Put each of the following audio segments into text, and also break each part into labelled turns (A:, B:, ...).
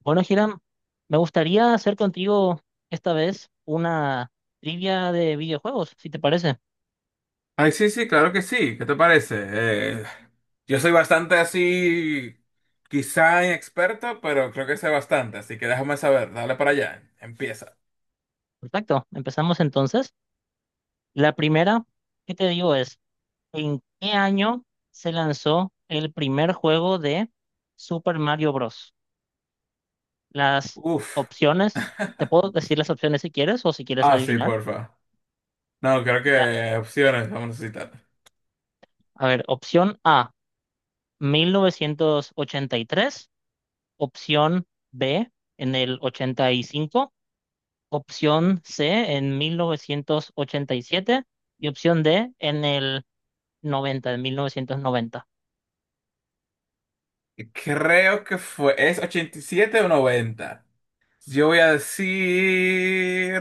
A: Bueno, Hiram, me gustaría hacer contigo esta vez una trivia de videojuegos, si te parece.
B: Ay, sí, sí, claro que sí. ¿Qué te parece? Yo soy bastante así, quizá inexperto, pero creo que sé bastante, así que déjame saber. Dale para allá. Empieza.
A: Perfecto, empezamos entonces. La primera que te digo es, ¿en qué año se lanzó el primer juego de Super Mario Bros? Las
B: Uf.
A: opciones, te puedo decir las opciones si quieres o si quieres
B: Ah, sí,
A: adivinar.
B: porfa. No, creo
A: La-
B: que opciones vamos a necesitar.
A: a ver, opción A, 1983. Opción B, en el 85. Opción C en mil novecientos ochenta y siete y opción D en el noventa, en mil novecientos noventa.
B: Creo que fue. ¿Es 87 o 90? Yo voy a decir,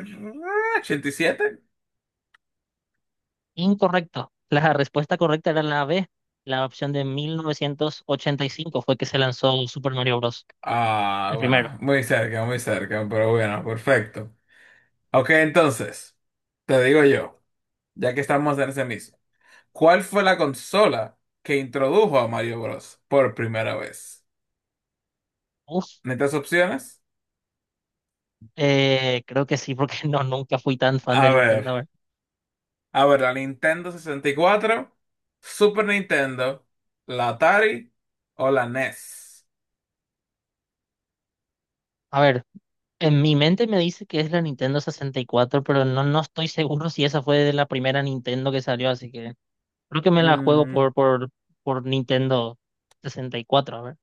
B: 87.
A: Incorrecto. La respuesta correcta era la B. La opción de 1985 fue que se lanzó Super Mario Bros.
B: Ah,
A: El primero.
B: bueno, muy cerca, pero bueno, perfecto. Ok, entonces, te digo yo, ya que estamos en ese mismo. ¿Cuál fue la consola que introdujo a Mario Bros. Por primera vez?
A: Uf,
B: ¿Necesitas opciones?
A: Creo que sí, porque no, nunca fui tan fan de
B: A
A: Nintendo.
B: ver, a ver, la Nintendo 64, Super Nintendo, la Atari o la NES.
A: A ver, en mi mente me dice que es la Nintendo sesenta y cuatro, pero no, no estoy seguro si esa fue de la primera Nintendo que salió, así que creo que me la juego por Nintendo 64, a ver.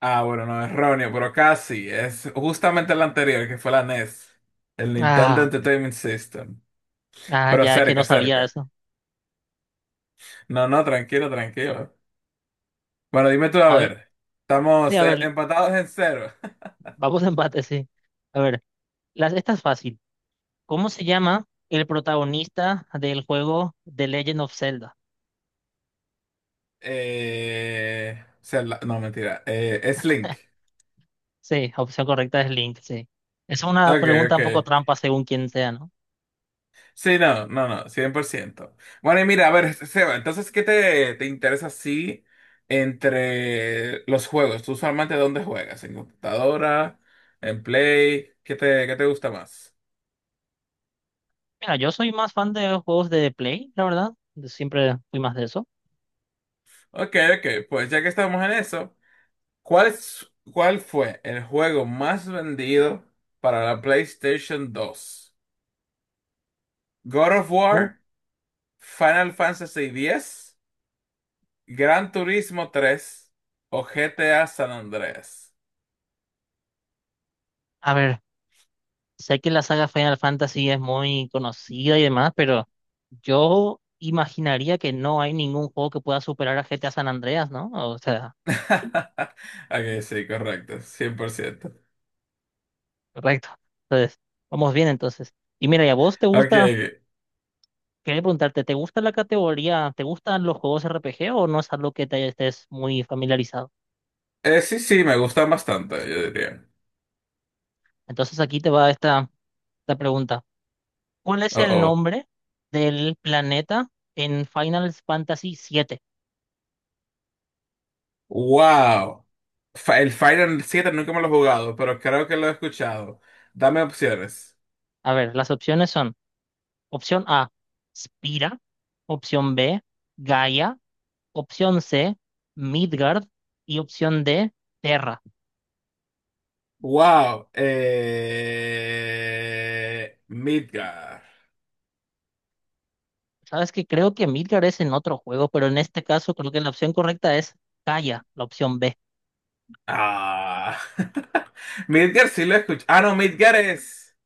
B: Ah, bueno, no, erróneo, pero casi. Es justamente el anterior, que fue la NES, el Nintendo
A: Ah,
B: Entertainment System.
A: ah,
B: Pero
A: ya que
B: cerca,
A: no sabía
B: cerca.
A: eso.
B: No, no, tranquilo, tranquilo. Bueno, dime tú, a
A: A ver,
B: ver.
A: sí,
B: Estamos
A: a ver,
B: empatados en cero.
A: vamos a empate, sí. A ver, esta es fácil. ¿Cómo se llama el protagonista del juego The Legend of Zelda?
B: O no, mentira. Es Link.
A: Sí, opción correcta es Link, sí. Es una
B: Ok,
A: pregunta
B: ok.
A: un poco trampa según quien sea, ¿no?
B: Sí, no, no, no, 100%. Bueno, y mira, a ver, Seba, entonces, ¿qué te interesa así entre los juegos? ¿Tú usualmente dónde juegas? ¿En computadora? ¿En Play? ¿Qué te gusta más?
A: Mira, yo soy más fan de juegos de Play, la verdad. Siempre fui más de eso.
B: Ok, ok, pues ya que estamos en eso, ¿cuál fue el juego más vendido para la PlayStation dos? ¿God of
A: Uh,
B: War, Final Fantasy X, Gran Turismo tres o GTA San Andreas?
A: a ver. Sé que la saga Final Fantasy es muy conocida y demás, pero yo imaginaría que no hay ningún juego que pueda superar a GTA San Andreas, ¿no? O sea,
B: Ok, sí, correcto, 100%.
A: correcto. Entonces, vamos bien entonces. Y mira, ¿y a vos te
B: Ok,
A: gusta? Quería preguntarte, ¿te gusta la categoría? ¿Te gustan los juegos RPG o no es algo que te estés muy familiarizado?
B: sí, sí, me gustan bastante, yo diría.
A: Entonces aquí te va esta pregunta. ¿Cuál es
B: Oh,
A: el
B: oh.
A: nombre del planeta en Final Fantasy siete?
B: Wow. El Final 7 nunca me lo he jugado, pero creo que lo he escuchado. Dame opciones.
A: A ver, las opciones son: opción A, Spira. Opción B, Gaia. Opción C, Midgard. Y opción D, Terra.
B: Wow. Midgar.
A: Sabes que creo que Midgard es en otro juego, pero en este caso creo que la opción correcta es Gaia, la opción B.
B: Ah. Midgar sí lo he escuchado. Ah, no, Midgar es.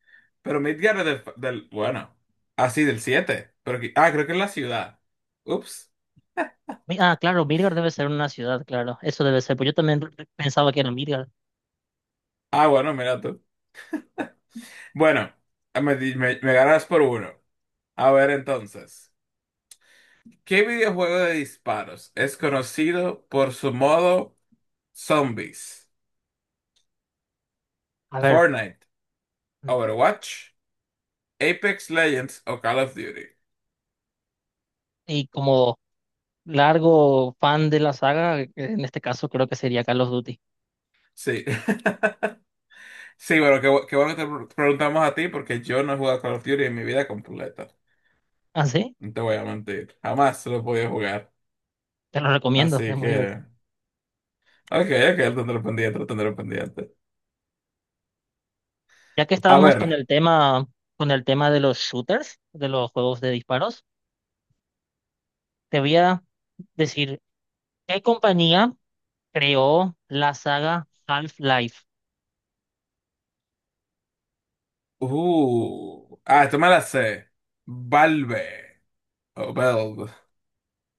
B: Pero Midgar es del-. Bueno. Ah, sí, del siete. Pero, creo que es la ciudad. Ups.
A: Ah, claro, Midgard debe ser una ciudad, claro, eso debe ser, pues yo también pensaba que era Midgard.
B: Ah, bueno, mira tú. Bueno, me ganas por uno. A ver entonces, ¿qué videojuego de disparos es conocido por su modo zombies?
A: A ver,
B: ¿Fortnite,
A: mm,
B: Overwatch, Apex Legends o Call of Duty?
A: y como largo fan de la saga, en este caso creo que sería Call of Duty.
B: Sí. Sí, bueno, qué bueno que te preguntamos a ti porque yo no he jugado Call of Duty en mi vida completa.
A: Ah, sí,
B: No te voy a mentir. Jamás lo he podido jugar.
A: te lo recomiendo, es
B: Así
A: muy divertido.
B: que. Ok, ok, lo tendré pendiente, lo tendré pendiente.
A: Ya que
B: A
A: estábamos
B: ver.
A: con el tema de los shooters, de los juegos de disparos, te voy a decir, ¿qué compañía creó la saga Half-Life?
B: Ah, esto me la sé. Valve. O Valve.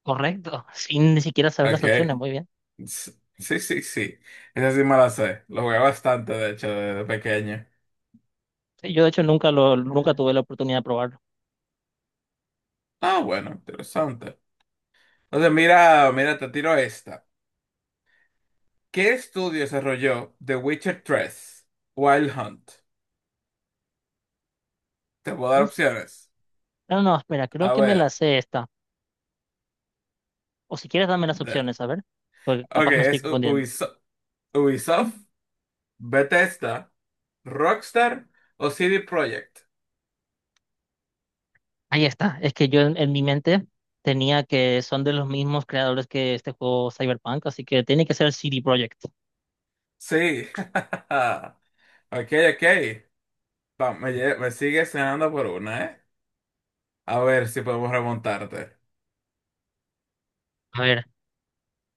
A: Correcto, sin ni siquiera saber las
B: Ok.
A: opciones, muy bien.
B: S- Sí, sí, sí. Esa sí me la sé. Lo jugué bastante, de hecho, desde pequeño.
A: Sí, yo de hecho nunca tuve la oportunidad de probarlo.
B: Ah, bueno, interesante. Entonces, mira, mira, te tiro esta. ¿Qué estudio desarrolló The Witcher tres Wild Hunt? Te puedo dar
A: Uf,
B: opciones.
A: no, no, espera, creo
B: A
A: que me la
B: ver.
A: sé esta. O si quieres dame las
B: de-
A: opciones, a ver, porque
B: Ok,
A: capaz me estoy
B: es
A: confundiendo.
B: Ubisoft, Bethesda, Rockstar o CD Projekt.
A: Ahí está, es que yo en mi mente tenía que son de los mismos creadores que este juego Cyberpunk, así que tiene que ser CD Projekt.
B: Sí. Ok, ok. Va, me sigue cenando por una, ¿eh? A ver si podemos remontarte.
A: A ver,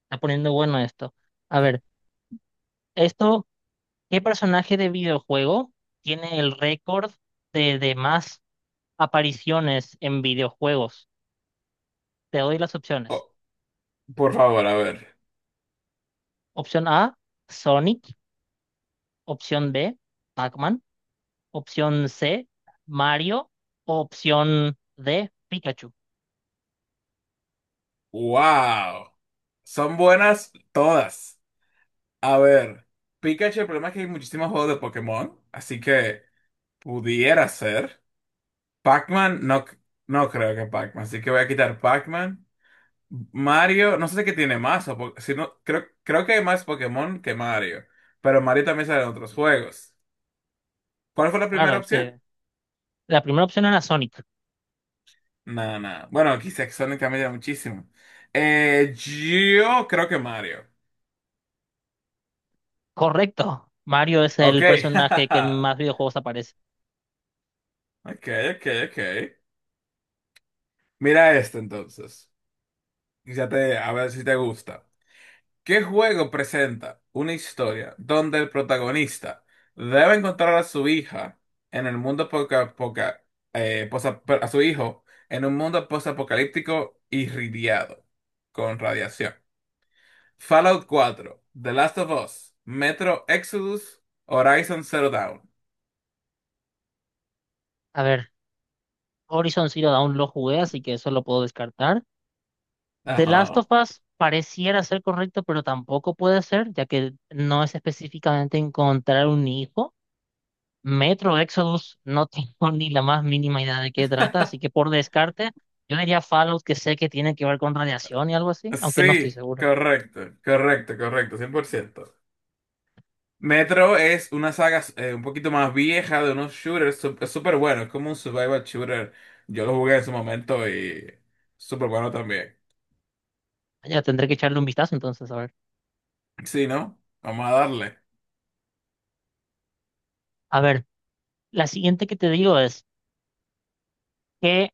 A: está poniendo bueno esto. A ver, esto, ¿qué personaje de videojuego tiene el récord de más apariciones en videojuegos? Te doy las opciones.
B: Oh, por favor, a ver.
A: Opción A, Sonic. Opción B, Pac-Man. Opción C, Mario. Opción D, Pikachu.
B: ¡Wow! Son buenas todas. A ver. Pikachu, el problema es que hay muchísimos juegos de Pokémon, así que pudiera ser. Pac-Man, no, no creo que Pac-Man, así que voy a quitar Pac-Man. Mario, no sé qué tiene más, si no, creo que hay más Pokémon que Mario, pero Mario también sale en otros juegos. ¿Cuál fue la
A: Claro,
B: primera
A: es
B: opción?
A: que la primera opción era Sonic.
B: Nada, nada. Bueno, quizás Sonic también era muchísimo. Yo creo que Mario.
A: Correcto. Mario es
B: Ok.
A: el personaje que en más videojuegos aparece.
B: Ok, ok, ok. Mira esto entonces. Ya te, a ver si te gusta. ¿Qué juego presenta una historia donde el protagonista debe encontrar a su hija en el mundo a su hijo en un mundo postapocalíptico irradiado con radiación? ¿Fallout cuatro, The Last of Us, Metro Exodus, Horizon Zero Dawn?
A: A ver, Horizon Zero Dawn lo jugué, así que eso lo puedo descartar. The Last
B: Ajá.
A: of Us pareciera ser correcto, pero tampoco puede ser, ya que no es específicamente encontrar un hijo. Metro Exodus no tengo ni la más mínima idea de qué trata, así que por descarte, yo diría Fallout, que sé que tiene que ver con radiación y algo así, aunque no estoy
B: Sí,
A: seguro.
B: correcto, correcto, correcto, 100%. Metro es una saga un poquito más vieja de unos shooters, es súper bueno, es como un survival shooter. Yo lo jugué en su momento y súper bueno también.
A: Ya tendré que echarle un vistazo entonces, a ver.
B: Sí, ¿no? Vamos a darle.
A: A ver, la siguiente que te digo es, ¿qué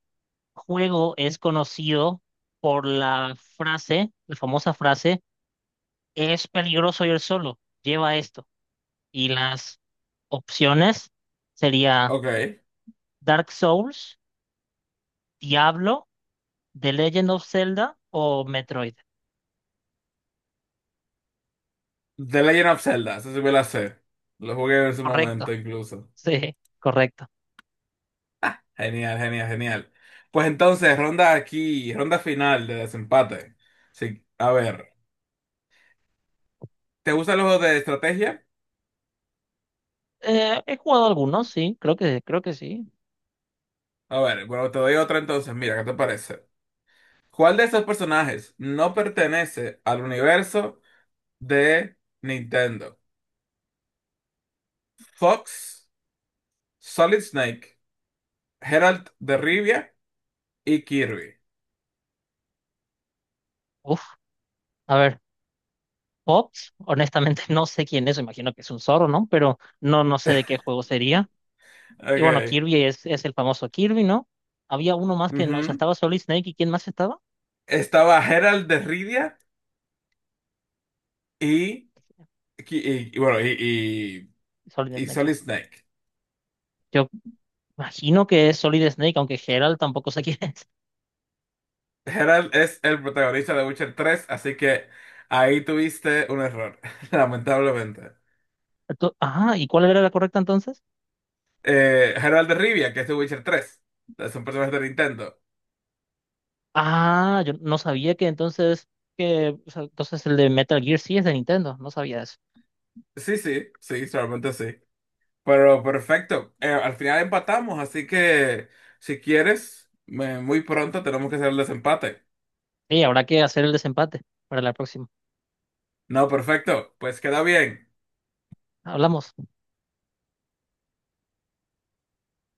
A: juego es conocido por la frase, la famosa frase, es peligroso ir solo, lleva esto? Y las opciones sería
B: Ok.
A: Dark Souls, Diablo, The Legend of Zelda o Metroid.
B: The Legend of Zelda, eso sí me la sé. Lo jugué en su
A: Correcto,
B: momento incluso.
A: sí, correcto.
B: Genial, genial, genial. Pues entonces, ronda aquí, ronda final de desempate. Sí, a ver, ¿te gustan los juegos de estrategia?
A: He jugado algunos, sí, creo que sí.
B: A ver, bueno, te doy otra entonces, mira, ¿qué te parece? ¿Cuál de estos personajes no pertenece al universo de Nintendo? Fox, Solid Snake, Geralt de Rivia y Kirby.
A: Uf, a ver, Pop, honestamente no sé quién es, imagino que es un zorro, ¿no? Pero no, no sé de qué juego sería. Y bueno,
B: Ok.
A: Kirby es el famoso Kirby, ¿no? Había uno más que no, o sea,
B: Ujú.
A: estaba Solid Snake y ¿quién más estaba?
B: Estaba Geralt de Rivia y, y, bueno, y,
A: Solid
B: y y
A: Snake,
B: Solid
A: claro.
B: Snake.
A: Yo imagino que es Solid Snake, aunque Geralt tampoco sé quién es.
B: Geralt es el protagonista de Witcher 3, así que ahí tuviste un error, lamentablemente.
A: Ajá, ¿y cuál era la correcta entonces?
B: Geralt de Rivia, que es de Witcher 3, es un personaje de Nintendo.
A: Ah, yo no sabía que entonces, que, o sea, entonces el de Metal Gear sí es de Nintendo, no sabía eso.
B: Sí, sí, sí, solamente sí. Pero perfecto, al final empatamos, así que si quieres, muy pronto tenemos que hacer el desempate.
A: Sí, habrá que hacer el desempate para la próxima.
B: No, perfecto, pues queda bien.
A: Hablamos.